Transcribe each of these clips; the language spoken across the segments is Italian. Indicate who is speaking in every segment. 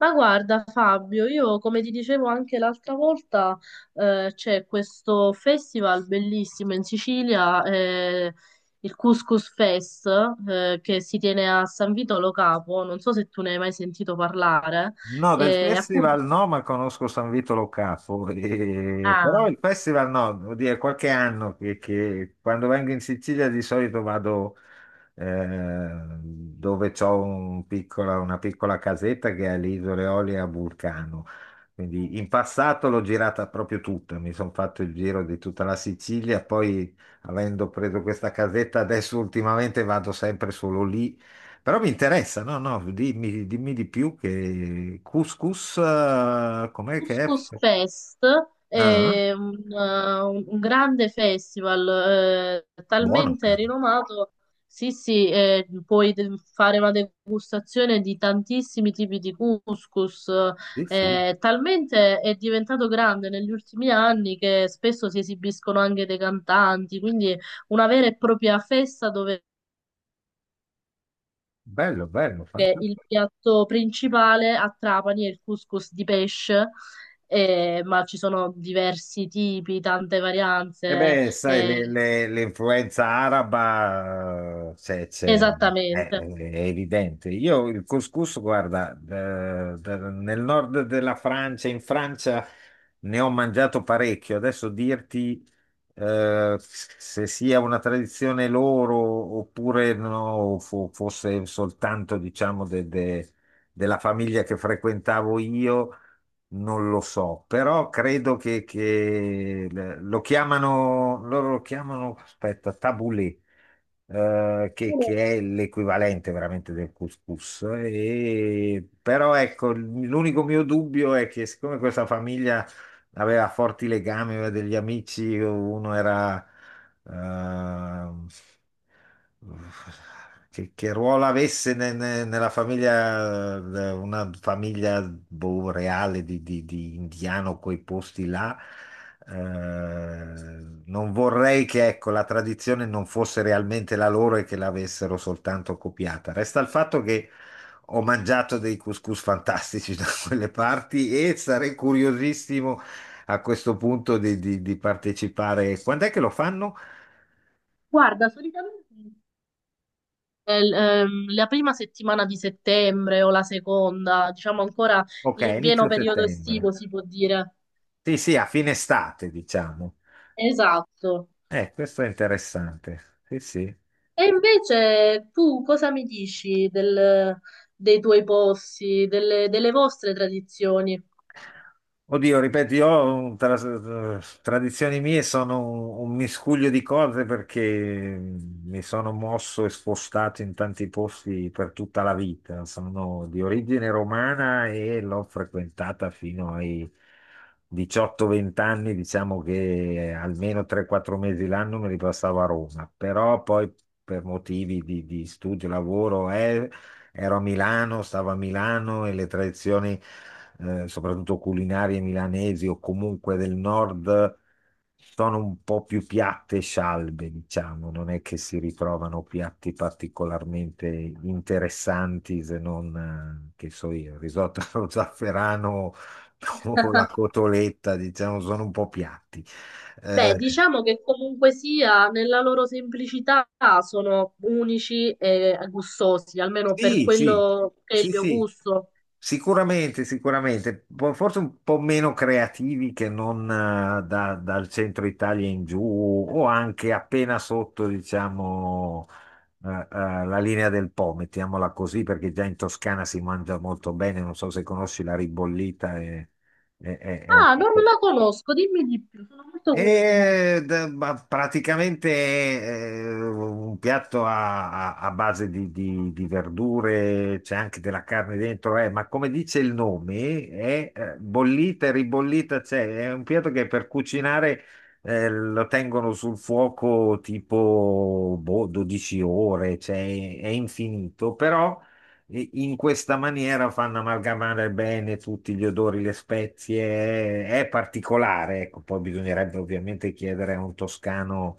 Speaker 1: Ma guarda Fabio, io come ti dicevo anche l'altra volta, c'è questo festival bellissimo in Sicilia, il Couscous Fest, che si tiene a San Vito Lo Capo, non so se tu ne hai mai sentito parlare,
Speaker 2: No, del
Speaker 1: appunto.
Speaker 2: festival no, ma conosco San Vito Lo Capo, però
Speaker 1: Ah,
Speaker 2: il festival no, devo dire, qualche anno che quando vengo in Sicilia di solito vado eh, dove c'ho un una piccola casetta che è alle Isole Olie a Vulcano. Quindi in passato l'ho girata proprio tutta, mi sono fatto il giro di tutta la Sicilia, poi avendo preso questa casetta adesso ultimamente vado sempre solo lì, però mi interessa, no, no, dimmi, dimmi di più, che couscous, com'è che è?
Speaker 1: Couscous Fest
Speaker 2: Ah,
Speaker 1: è un grande festival,
Speaker 2: buono,
Speaker 1: talmente
Speaker 2: cavolo.
Speaker 1: rinomato. Sì, sì, puoi fare una degustazione di tantissimi tipi di couscous,
Speaker 2: Sì, sì,
Speaker 1: talmente è diventato grande negli ultimi anni che spesso si esibiscono anche dei cantanti, quindi una vera e propria festa dove
Speaker 2: bello, bello,
Speaker 1: che
Speaker 2: fantastico.
Speaker 1: il piatto principale a Trapani è il couscous di pesce, ma ci sono diversi tipi, tante
Speaker 2: E
Speaker 1: varianze.
Speaker 2: beh, sai,
Speaker 1: Eh,
Speaker 2: l'influenza araba
Speaker 1: esattamente.
Speaker 2: è evidente. Io il couscous, guarda, nel nord della Francia, in Francia ne ho mangiato parecchio. Adesso dirti se sia una tradizione loro oppure no, fosse soltanto, diciamo, della famiglia che frequentavo io. Non lo so, però credo che lo chiamano, loro lo chiamano, aspetta, tabulé, che è l'equivalente veramente del couscous. E però ecco, l'unico mio dubbio è che, siccome questa famiglia aveva forti legami, aveva degli amici, uno era... ehm, che ruolo avesse nella famiglia, una famiglia boh, reale di indiano, quei posti là. Eh, Non vorrei che, ecco, la tradizione non fosse realmente la loro e che l'avessero soltanto copiata. Resta il fatto che ho mangiato dei couscous fantastici da quelle parti e sarei curiosissimo a questo punto di, di partecipare. Quando è che lo fanno?
Speaker 1: Guarda, solitamente, la prima settimana di settembre o la seconda, diciamo ancora
Speaker 2: Ok,
Speaker 1: in pieno
Speaker 2: inizio
Speaker 1: periodo
Speaker 2: settembre.
Speaker 1: estivo, si può dire.
Speaker 2: Sì, sì, a fine estate, diciamo.
Speaker 1: Esatto.
Speaker 2: Questo è interessante. Sì, sì.
Speaker 1: E invece tu cosa mi dici dei tuoi posti, delle vostre tradizioni?
Speaker 2: Oddio, ripeto, io tradizioni mie sono un miscuglio di cose, perché mi sono mosso e spostato in tanti posti per tutta la vita. Sono di origine romana e l'ho frequentata fino ai 18-20 anni, diciamo che almeno 3-4 mesi l'anno me li passavo a Roma, però poi per motivi di studio, lavoro, ero a Milano, stavo a Milano, e le tradizioni, soprattutto culinarie milanesi o comunque del nord, sono un po' più piatte e scialbe, diciamo, non è che si ritrovano piatti particolarmente interessanti se non, che so io, il risotto allo zafferano o la cotoletta, diciamo, sono un po' piatti.
Speaker 1: Beh,
Speaker 2: Eh,
Speaker 1: diciamo che comunque sia, nella loro semplicità sono unici e gustosi, almeno per
Speaker 2: sì, sì,
Speaker 1: quello che è il
Speaker 2: sì,
Speaker 1: mio
Speaker 2: sì.
Speaker 1: gusto.
Speaker 2: Sicuramente, sicuramente. Forse un po' meno creativi che non, dal centro Italia in giù, o anche appena sotto, diciamo, la linea del Po, mettiamola così, perché già in Toscana si mangia molto bene, non so se conosci la ribollita, è, è un
Speaker 1: Ah,
Speaker 2: po'...
Speaker 1: non la conosco, dimmi di più, sono molto curiosa.
Speaker 2: Ma praticamente, un piatto a, a base di, di verdure, c'è anche della carne dentro, ma come dice il nome, è, bollita e ribollita, c'è, è un piatto che per cucinare, lo tengono sul fuoco tipo boh, 12 ore, cioè, è infinito. Però, e in questa maniera, fanno amalgamare bene tutti gli odori, le spezie, è particolare, ecco. Poi bisognerebbe ovviamente chiedere a un toscano,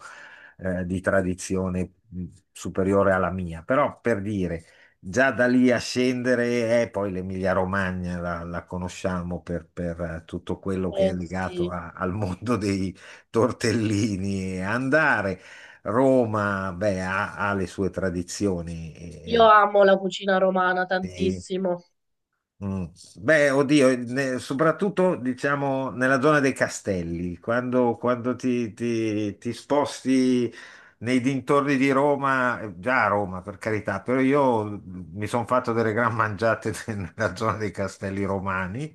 Speaker 2: di tradizione superiore alla mia, però per dire, già da lì a scendere, poi l'Emilia-Romagna la conosciamo per, tutto quello che è
Speaker 1: Eh
Speaker 2: legato
Speaker 1: sì,
Speaker 2: al mondo dei tortellini e andare. Roma, beh, ha, ha le sue tradizioni.
Speaker 1: io amo la cucina romana
Speaker 2: E-
Speaker 1: tantissimo.
Speaker 2: Mm. Beh, oddio, soprattutto diciamo nella zona dei castelli, quando, quando ti, ti sposti nei dintorni di Roma, già a Roma per carità, però io mi sono fatto delle gran mangiate nella zona dei castelli romani,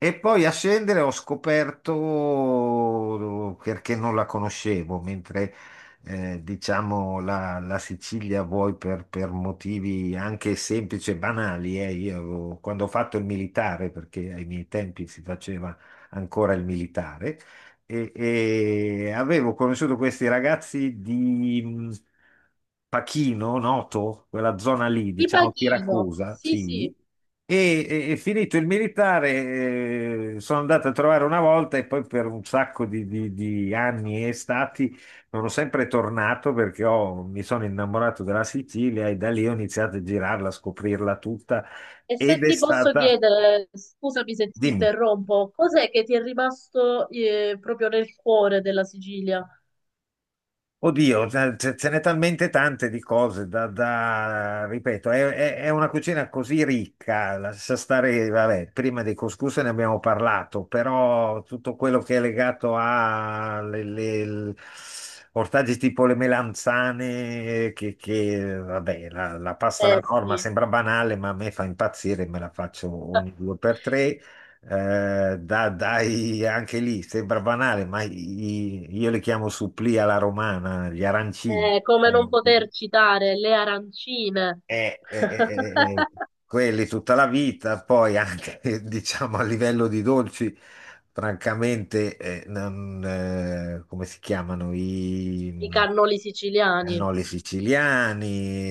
Speaker 2: e poi a scendere ho scoperto, perché non la conoscevo, mentre diciamo, la Sicilia, vuoi per motivi anche semplici e banali. Io quando ho fatto il militare, perché ai miei tempi si faceva ancora il militare, e avevo conosciuto questi ragazzi di Pachino, Noto, quella zona lì,
Speaker 1: Ti
Speaker 2: diciamo
Speaker 1: pachino,
Speaker 2: Siracusa,
Speaker 1: sì sì.
Speaker 2: sì, e, e finito il militare, sono andato a trovare una volta, e poi per un sacco di, di anni e stati, sono sempre tornato, perché mi sono innamorato della Sicilia, e da lì ho iniziato a girarla, a scoprirla tutta,
Speaker 1: E se
Speaker 2: ed è
Speaker 1: ti posso
Speaker 2: stata...
Speaker 1: chiedere, scusami se ti
Speaker 2: Dimmi.
Speaker 1: interrompo, cos'è che ti è rimasto, proprio nel cuore della Sicilia?
Speaker 2: Oddio, ce n'è talmente tante di cose da, ripeto, è, è una cucina così ricca, lascia stare. Vabbè, prima dei couscous ne abbiamo parlato, però tutto quello che è legato a ortaggi tipo le melanzane, che, vabbè, la pasta alla
Speaker 1: Eh
Speaker 2: norma
Speaker 1: sì.
Speaker 2: sembra banale, ma a me fa impazzire, me la faccio ogni due per tre. Eh, dai, anche lì sembra banale, ma io li chiamo supplì alla romana, gli arancini. Li
Speaker 1: Come non
Speaker 2: chiamo.
Speaker 1: poter citare le arancine,
Speaker 2: Eh, eh, eh, eh, quelli tutta la vita. Poi anche diciamo a livello di dolci, francamente, non, come si chiamano,
Speaker 1: i
Speaker 2: i
Speaker 1: cannoli siciliani,
Speaker 2: cannoli siciliani,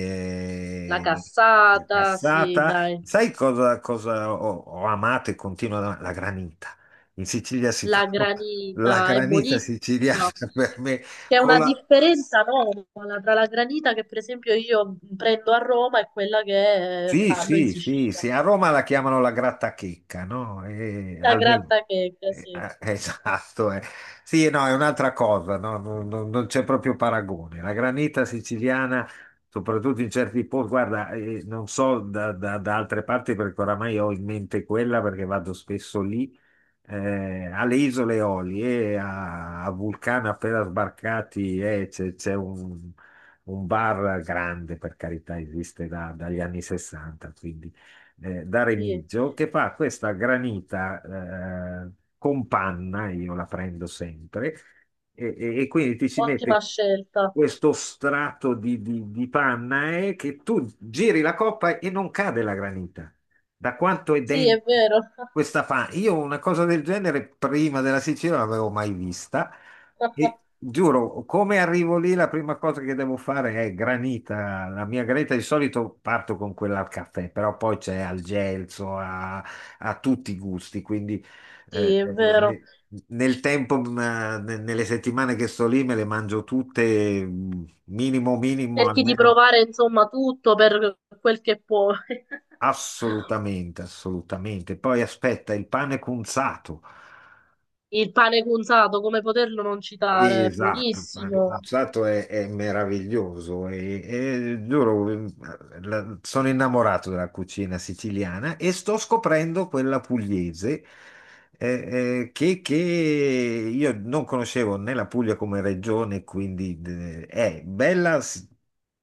Speaker 1: la
Speaker 2: la
Speaker 1: cassata, sì,
Speaker 2: cassata.
Speaker 1: dai,
Speaker 2: Sai cosa, cosa ho, ho amato e continuo ad amare? La granita. In Sicilia si fa
Speaker 1: la
Speaker 2: la
Speaker 1: granita, è
Speaker 2: granita
Speaker 1: buonissima.
Speaker 2: siciliana per me...
Speaker 1: C'è una differenza enorme tra la granita che per esempio io prendo a Roma e quella che
Speaker 2: Sì,
Speaker 1: fanno in
Speaker 2: sì, sì,
Speaker 1: Sicilia.
Speaker 2: sì, a Roma la chiamano la grattachecca, no?
Speaker 1: La
Speaker 2: Almeno.
Speaker 1: grattachecca, sì,
Speaker 2: Esatto. Sì, no, è un'altra cosa, no? Non c'è proprio paragone. La granita siciliana, soprattutto in certi posti, guarda, non so da, da altre parti, perché oramai ho in mente quella, perché vado spesso lì, alle Isole Eolie, a, a Vulcano, appena sbarcati, c'è un bar grande, per carità, esiste dagli anni 60, quindi da
Speaker 1: sì,
Speaker 2: Remigio, che fa questa granita, eh, con panna, io la prendo sempre, e, e quindi ti ci
Speaker 1: ottima
Speaker 2: mette
Speaker 1: scelta.
Speaker 2: questo strato di, di panna, che tu giri la coppa e non cade la granita. Da quanto è
Speaker 1: Sì, è
Speaker 2: dentro
Speaker 1: vero.
Speaker 2: questa panna? Io una cosa del genere prima della Sicilia non l'avevo mai vista. E giuro, come arrivo lì, la prima cosa che devo fare è granita. La mia granita di solito parto con quella al caffè, però poi c'è al gelso, a, a tutti i gusti. Quindi
Speaker 1: Sì,
Speaker 2: eh,
Speaker 1: è
Speaker 2: eh,
Speaker 1: vero.
Speaker 2: ne- nel tempo, nelle settimane che sto lì, me le mangio tutte, minimo, minimo,
Speaker 1: Cerchi di
Speaker 2: almeno
Speaker 1: provare insomma tutto per quel che puoi.
Speaker 2: assolutamente, assolutamente. Poi aspetta, il pane cunzato.
Speaker 1: Il pane cunzato, come poterlo non citare, è
Speaker 2: Esatto, ma il
Speaker 1: buonissimo.
Speaker 2: concerto è meraviglioso, e giuro, sono innamorato della cucina siciliana e sto scoprendo quella pugliese, che io non conoscevo, né la Puglia come regione, quindi è bella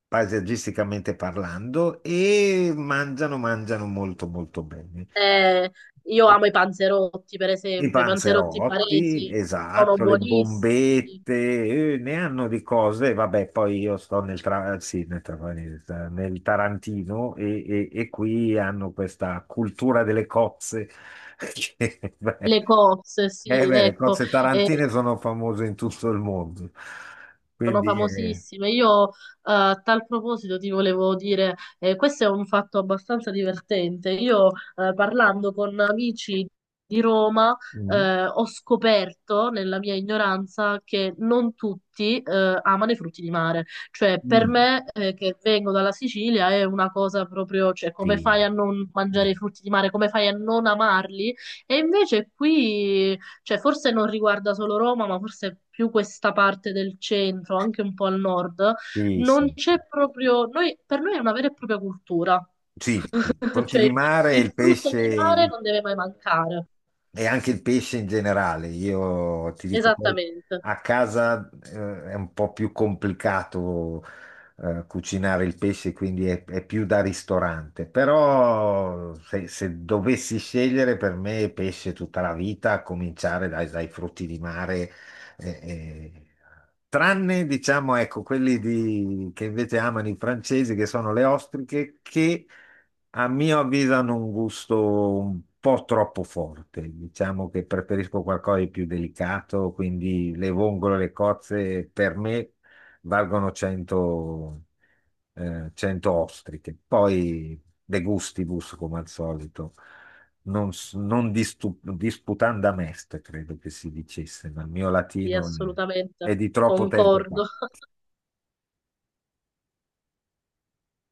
Speaker 2: paesaggisticamente parlando, e mangiano, mangiano molto molto bene.
Speaker 1: Eh, io amo i panzerotti, per
Speaker 2: I
Speaker 1: esempio, i panzerotti
Speaker 2: panzerotti,
Speaker 1: baresi sono
Speaker 2: esatto, le
Speaker 1: buonissimi.
Speaker 2: bombette, ne hanno di cose. Vabbè, poi io sto nel, sì, nel nel Tarantino, e, e qui hanno questa cultura delle cozze. Che, beh,
Speaker 1: Le cozze, sì,
Speaker 2: beh, le
Speaker 1: ecco.
Speaker 2: cozze
Speaker 1: Eh,
Speaker 2: tarantine sono famose in tutto il mondo.
Speaker 1: sono
Speaker 2: Quindi,
Speaker 1: famosissime. Io, a tal proposito ti volevo dire, questo è un fatto abbastanza divertente. Io, parlando con amici di Roma,
Speaker 2: mm,
Speaker 1: ho scoperto nella mia ignoranza che non tutti, amano i frutti di mare. Cioè, per
Speaker 2: mm,
Speaker 1: me, che vengo dalla Sicilia è una cosa proprio, cioè, come
Speaker 2: sì,
Speaker 1: fai a non mangiare i
Speaker 2: no,
Speaker 1: frutti di mare? Come fai a non amarli? E invece qui, cioè, forse non riguarda solo Roma, ma forse più questa parte del centro, anche un po' al nord,
Speaker 2: sì,
Speaker 1: non
Speaker 2: sì.
Speaker 1: c'è proprio, per noi è una vera e propria cultura.
Speaker 2: Sì, sì. Frutti
Speaker 1: Cioè
Speaker 2: di mare,
Speaker 1: il
Speaker 2: il
Speaker 1: frutto
Speaker 2: pesce,
Speaker 1: di mare
Speaker 2: il...
Speaker 1: non deve mai mancare.
Speaker 2: E anche il pesce in generale, io ti dico, poi
Speaker 1: Esattamente,
Speaker 2: a casa è un po' più complicato, cucinare il pesce, quindi è più da ristorante, però se, se dovessi scegliere, per me pesce tutta la vita, a cominciare dai, dai frutti di mare, eh, eh, tranne, diciamo, ecco, quelli che invece amano i francesi, che sono le ostriche, che a mio avviso hanno un gusto un po' troppo forte. Diciamo che preferisco qualcosa di più delicato, quindi le vongole, le cozze, per me valgono 100, 100 ostriche. Poi de gustibus, come al solito, non, non disputanda est, credo che si dicesse, ma il mio
Speaker 1: sì,
Speaker 2: latino è
Speaker 1: assolutamente,
Speaker 2: di troppo tempo fa.
Speaker 1: concordo.